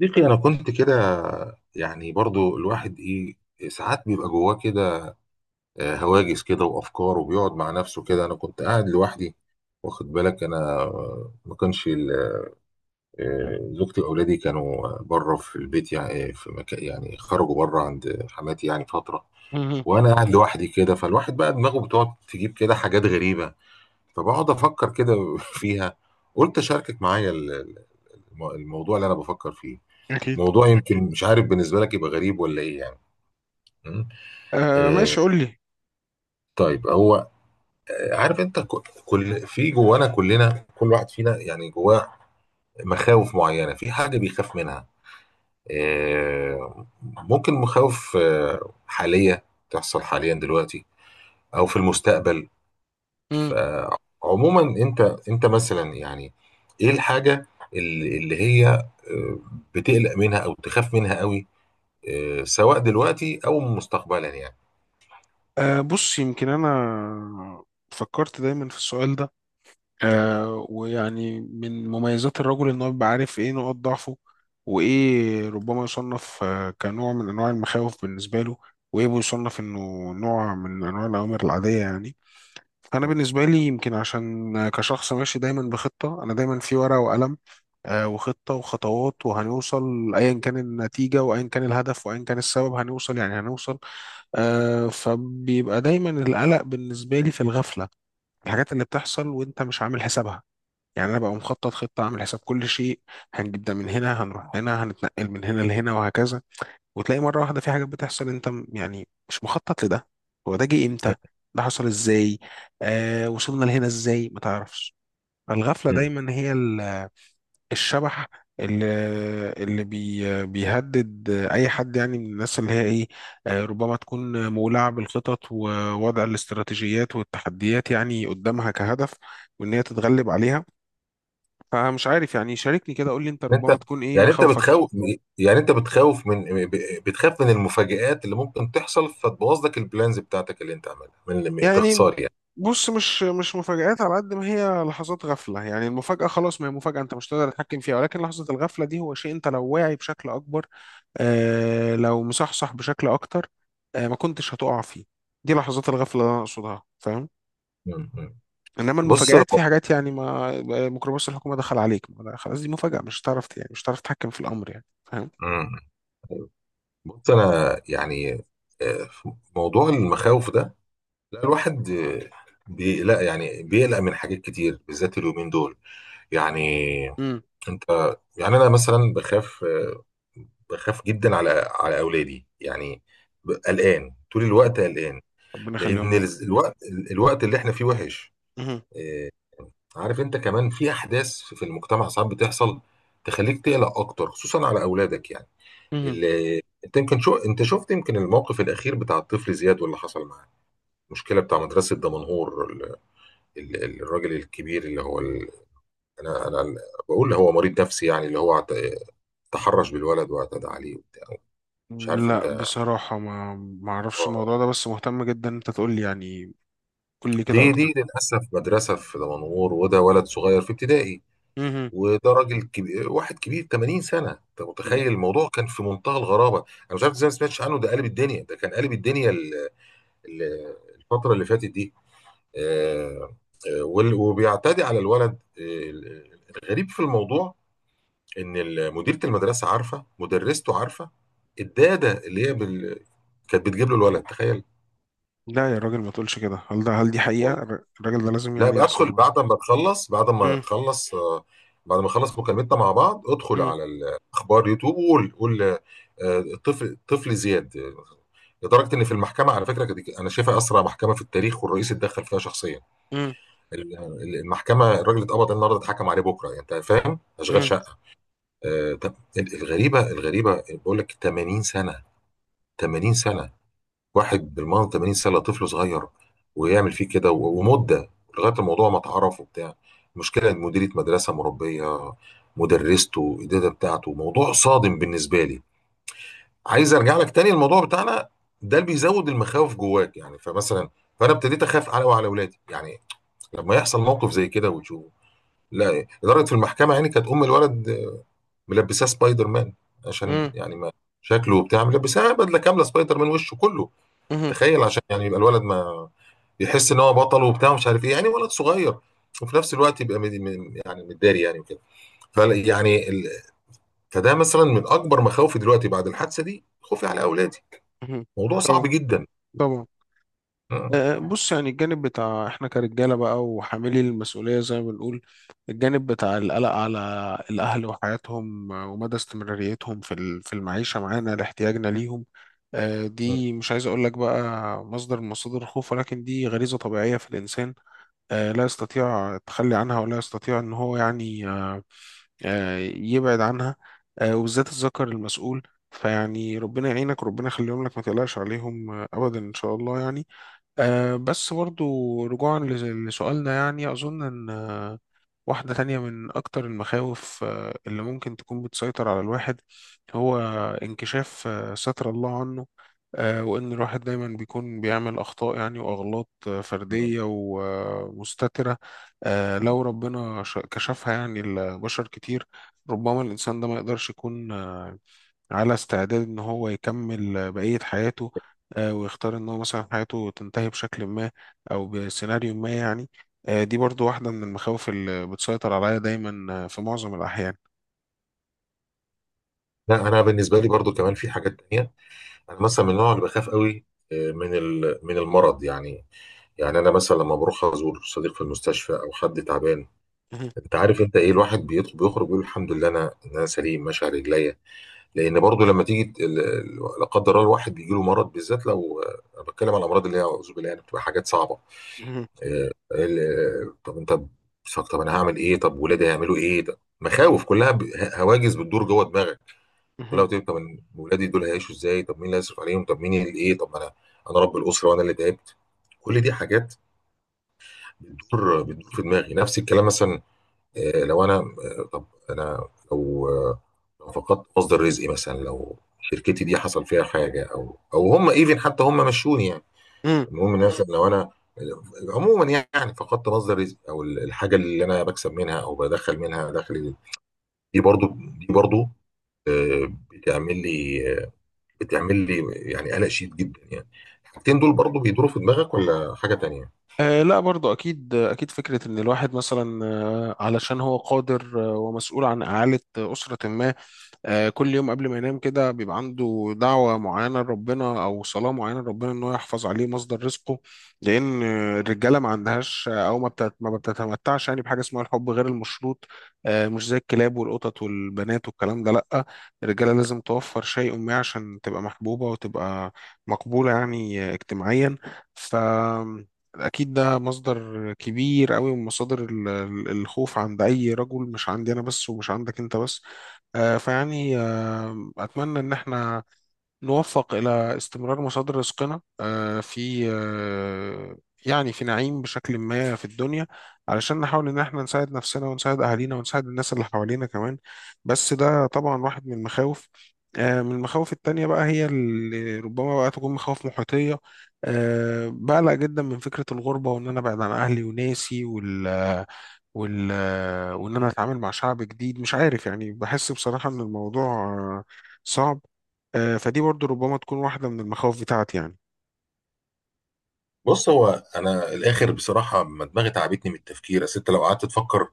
صديقي انا كنت كده. يعني برضو الواحد ايه، ساعات بيبقى جواه كده هواجس كده وافكار، وبيقعد مع نفسه كده. انا كنت قاعد لوحدي، واخد بالك. انا ما كانش زوجتي واولادي كانوا بره في البيت، يعني في مكان، يعني خرجوا بره عند حماتي يعني فتره. مهم. وانا قاعد لوحدي كده، فالواحد بقى دماغه بتقعد تجيب كده حاجات غريبه، فبقعد افكر كده فيها. قلت اشاركك معايا الموضوع اللي انا بفكر فيه. أكيد. موضوع يمكن مش عارف بالنسبه لك يبقى غريب ولا ايه يعني. مم. آه آه، ماشي قول لي. طيب. هو عارف انت، كل في جوانا كلنا، كل واحد فينا يعني جواه مخاوف معينه، في حاجه بيخاف منها. آه ممكن مخاوف حاليه تحصل حاليا دلوقتي، او في المستقبل. امم. فعموما انت، انت مثلا يعني ايه الحاجه اللي هي، بتقلق منها او تخاف منها قوي، سواء دلوقتي او مستقبلا يعني؟ بص يمكن أنا فكرت دايما في السؤال ده. ويعني من مميزات الرجل إن هو بيبقى عارف إيه نقاط ضعفه، وإيه ربما يصنف كنوع من أنواع المخاوف بالنسبة له، وإيه بيصنف إنه نوع من أنواع الأوامر العادية يعني. فانا بالنسبه لي يمكن عشان كشخص ماشي دايما بخطه، انا دايما في ورقه وقلم، وخطه وخطوات، وهنوصل ايا كان النتيجه وايا كان الهدف وايا كان السبب هنوصل، يعني هنوصل. فبيبقى دايما القلق بالنسبه لي في الغفله، الحاجات اللي بتحصل وانت مش عامل حسابها. يعني انا ببقى مخطط خطه عامل حساب كل شيء، هنجيب ده من هنا، هنروح هنا، هنتنقل من هنا لهنا وهكذا. وتلاقي مرة واحدة في حاجات بتحصل انت يعني مش مخطط لده. هو ده جه امتى؟ ده حصل ازاي؟ وصلنا لهنا ازاي ما تعرفش. الغفلة مم. دايما هي الشبح اللي اللي بيهدد اي حد، يعني من الناس اللي هي ايه، ربما تكون مولعة بالخطط ووضع الاستراتيجيات والتحديات يعني قدامها كهدف، وان هي تتغلب عليها. فمش عارف، يعني شاركني كده، قول لي انت إن ربما انت تكون ايه يعني انت مخاوفك. بتخوف، يعني انت بتخوف من، بتخاف من المفاجآت اللي ممكن تحصل فتبوظ لك البلانز بتاعتك اللي انت عاملها، من يعني باختصار يعني. بص، مش مفاجآت على قد ما هي لحظات غفلة. يعني المفاجأة خلاص ما هي مفاجأة، انت مش تقدر تتحكم فيها، ولكن لحظة الغفلة دي هو شيء انت لو واعي بشكل اكبر، لو مصحصح بشكل اكتر، ما كنتش هتقع فيه. دي لحظات الغفلة اللي انا اقصدها، فاهم؟ مم. مم. انما بص. المفاجآت في حاجات يعني ما ميكروباص الحكومة دخل عليك ما، لا، خلاص دي مفاجأة مش هتعرف، يعني مش هتعرف تتحكم في الامر، يعني فاهم. مم. بص انا يعني في موضوع المخاوف ده، لا الواحد بيقلق يعني بيقلق من حاجات كتير، بالذات اليومين دول يعني. امم. انت، يعني انا مثلا بخاف بخاف جدا على اولادي يعني. قلقان طول الوقت، قلقان. ربنا يخليهم لان لك. الوقت، الوقت اللي احنا فيه وحش. مهم. إيه، عارف انت، كمان في احداث في المجتمع ساعات بتحصل تخليك تقلق اكتر، خصوصا على اولادك يعني. مهم. اللي انت يمكن شو، انت شفت يمكن الموقف الاخير بتاع الطفل زياد واللي حصل معاه؟ المشكله بتاع مدرسه دمنهور، الراجل الكبير اللي هو ال... انا انا بقول هو مريض نفسي يعني، اللي هو تحرش بالولد واعتدى عليه وبتاع. مش عارف لا انت. بصراحة ما اعرفش اه، الموضوع ده، بس مهتم جدا إن انت تقول لي يعني. قول لي كده دي اكتر. دي للاسف مدرسه في دمنهور، وده ولد صغير في ابتدائي، مهم. وده راجل كبير، واحد كبير 80 سنه. انت مم. متخيل؟ الموضوع كان في منتهى الغرابه. انا مش عارف ازاي ما سمعتش عنه، ده قلب الدنيا، ده كان قلب الدنيا ال- الفتره اللي فاتت دي. آه، وبيعتدي على الولد. آه، الغريب في الموضوع ان مديره المدرسه عارفه، مدرسته عارفه، الداده اللي هي بال... كانت بتجيب له الولد، تخيل. لا يا راجل ما تقولش كده، هل دي حقيقة؟ الراجل ده لازم لا يعني يحصل بدخل معاه. بعد ما تخلص، بعد ما مم. تخلص بعد ما نخلص مكالمتنا مع بعض، ادخل مم. على الاخبار يوتيوب وقول، قول آه، الطفل، طفل زياد. لدرجه ان في المحكمه، على فكره كده، انا شايفها اسرع محكمه في التاريخ، والرئيس اتدخل فيها شخصيا. مم. المحكمه، الراجل اللي اتقبض النهارده اتحكم عليه بكره، يعني انت فاهم، اشغال مم. شقه. طب الغريبه، الغريبه بقول لك، 80 سنه، 80 سنه، واحد بالمنظر 80 سنه، طفل صغير، ويعمل فيه كده ومده لغايه الموضوع ما اتعرف وبتاع. المشكله ان مديره مدرسه، مربيه، مدرسته، الاداره بتاعته، موضوع صادم بالنسبه لي. عايز ارجع لك تاني، الموضوع بتاعنا ده اللي بيزود المخاوف جواك يعني. فمثلا، فانا ابتديت اخاف على وعلى اولادي يعني، لما يحصل موقف زي كده وتشوفه. لا اداره في المحكمه، يعني كانت ام الولد ملبساه سبايدر مان، عشان مم. يعني ما شكله وبتاع، ملبساه بدله كامله سبايدر مان، وشه كله، مهم. تخيل. عشان يعني يبقى الولد ما يحس ان هو بطل وبتاع ومش عارف ايه، يعني ولد صغير. وفي نفس الوقت يبقى يعني متداري يعني وكده. فال- يعني ال... فده مثلا من اكبر مخاوفي دلوقتي بعد الحادثه دي، خوفي على اولادي. مهم. موضوع صعب طبعا. جدا. طبعا. م- بص، يعني الجانب بتاع احنا كرجاله بقى وحاملي المسؤوليه زي ما بنقول، الجانب بتاع القلق على الاهل وحياتهم ومدى استمراريتهم في في المعيشه معانا لاحتياجنا ليهم. م- دي مش عايز اقول لك بقى مصدر من مصادر الخوف، ولكن دي غريزه طبيعيه في الانسان لا يستطيع التخلي عنها، ولا يستطيع ان هو يعني يبعد عنها، وبالذات الذكر المسؤول. فيعني ربنا يعينك، ربنا يخليهم لك، ما تقلقش عليهم ابدا ان شاء الله يعني. بس برضو رجوعا لسؤالنا، يعني أظن إن واحدة تانية من أكتر المخاوف اللي ممكن تكون بتسيطر على الواحد هو انكشاف ستر الله عنه، وإن الواحد دايما بيكون بيعمل أخطاء يعني وأغلاط م. فردية ومستترة. لو ربنا كشفها يعني لبشر كتير، ربما الإنسان ده ما يقدرش يكون على استعداد ان هو يكمل بقية حياته، ويختار ان هو مثلا حياته تنتهي بشكل ما او بسيناريو ما يعني. دي برضو واحدة من المخاوف اللي بتسيطر عليا دايما في معظم الاحيان. لا انا بالنسبه لي برضو كمان في حاجات تانية. انا مثلا من النوع اللي بخاف قوي من المرض يعني. يعني انا مثلا لما بروح ازور صديق في المستشفى او حد تعبان، مهم. انت عارف انت ايه، الواحد بيدخل بيخرج بيقول الحمد لله انا، إن انا سليم ماشي على رجليا. لان برضو لما تيجي لا قدر الله، الواحد بيجي له مرض، بالذات لو انا بتكلم على الامراض اللي هي اعوذ بالله، يعني بتبقى حاجات صعبه. مهم. طب انت بتفكر، طب انا هعمل ايه، طب ولادي هيعملوا ايه، ده مخاوف كلها، هواجس بتدور جوه دماغك. مهم. لو تقول طب أنا ولادي دول هيعيشوا ازاي، طب مين اللي هيصرف عليهم تعملهم؟ طب مين اللي ايه، طب انا، انا رب الاسره وانا اللي تعبت. كل دي حاجات بتدور في دماغي. نفس الكلام مثلا، آه، لو انا آه، طب انا لو لو فقدت مصدر رزقي مثلا، لو شركتي دي حصل فيها حاجه، او او هم ايفن حتى هم مشوني يعني. مم. المهم إن مثلا لو انا آه، عموما يعني فقدت مصدر رزق، او الحاجه اللي انا بكسب منها او بدخل منها دخل، دي برضو دي برضو آه، بتعمل لي آه، بتعمل لي يعني قلق شديد جدا يعني. الحاجتين دول برضو بيدوروا في دماغك ولا حاجه تانية؟ آه لا برضو أكيد أكيد، فكرة إن الواحد مثلا علشان هو قادر ومسؤول عن إعالة أسرة ما، كل يوم قبل ما ينام كده بيبقى عنده دعوة معينة لربنا أو صلاة معينة لربنا إن هو يحفظ عليه مصدر رزقه. لأن الرجالة ما عندهاش، أو ما بتتمتعش يعني بحاجة اسمها الحب غير المشروط، مش زي الكلاب والقطط والبنات والكلام ده لأ. الرجالة لازم توفر شيء ما عشان تبقى محبوبة وتبقى مقبولة، يعني اجتماعيا. ف أكيد ده مصدر كبير قوي من مصادر الخوف عند أي رجل، مش عندي أنا بس ومش عندك أنت بس. فيعني أتمنى إن احنا نوفق إلى استمرار مصادر رزقنا آه، في آه، يعني في نعيم بشكل ما في الدنيا، علشان نحاول إن احنا نساعد نفسنا ونساعد أهالينا ونساعد الناس اللي حوالينا كمان. بس ده طبعا واحد من المخاوف. من المخاوف التانية بقى هي اللي ربما بقى تكون مخاوف محيطية. بقلق جدا من فكرة الغربة، وإن أنا أبعد عن أهلي وناسي وال وال وان انا اتعامل مع شعب جديد مش عارف. يعني بحس بصراحة ان الموضوع آه، صعب. فدي برضو ربما تكون واحدة من المخاوف بتاعتي يعني. بص هو، انا الاخر بصراحه ما دماغي تعبتني من التفكير، اصل انت لو قعدت تفكر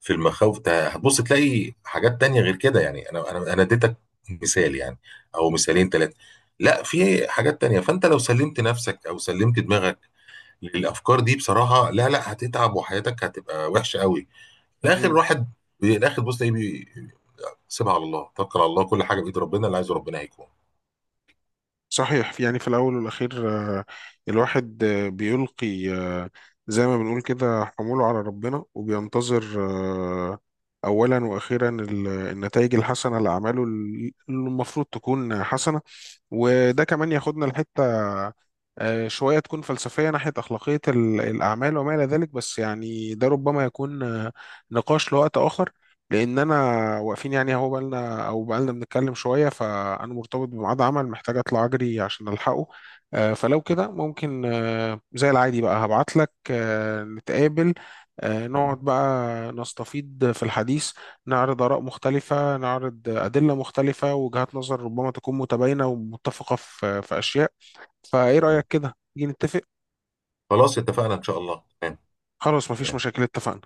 في المخاوف هتبص تلاقي حاجات تانية غير كده يعني. انا انا اديتك مثال يعني، او مثالين ثلاثة، لا في حاجات تانية. فانت لو سلمت نفسك او سلمت دماغك للافكار دي بصراحة، لا هتتعب وحياتك هتبقى وحشة قوي. الاخر مم. واحد، الاخر بص ايه، سيبها على الله، توكل على الله، كل حاجة بايد ربنا، اللي عايزه ربنا هيكون. صحيح، يعني في الأول والأخير آه، الواحد بيلقي زي ما بنقول كده حموله على ربنا وبينتظر آه، أولا وأخيرا النتائج الحسنة لأعماله اللي المفروض تكون حسنة. وده كمان ياخدنا لحتة شوية تكون فلسفية ناحية أخلاقية الأعمال وما إلى ذلك. بس يعني ده ربما يكون نقاش لوقت آخر، لأن أنا واقفين يعني أهو بقالنا بنتكلم شوية، فأنا مرتبط بميعاد عمل محتاج أطلع أجري عشان ألحقه. فلو م- كده ممكن زي العادي بقى هبعتلك نتقابل، نقعد بقى نستفيض في الحديث، نعرض آراء مختلفة، نعرض أدلة مختلفة، وجهات نظر ربما تكون متباينة ومتفقة في أشياء. فإيه م. رأيك كده؟ نيجي نتفق؟ خلاص اتفقنا ان شاء الله، تمام. خلاص مفيش تمام. مشاكل اتفقنا.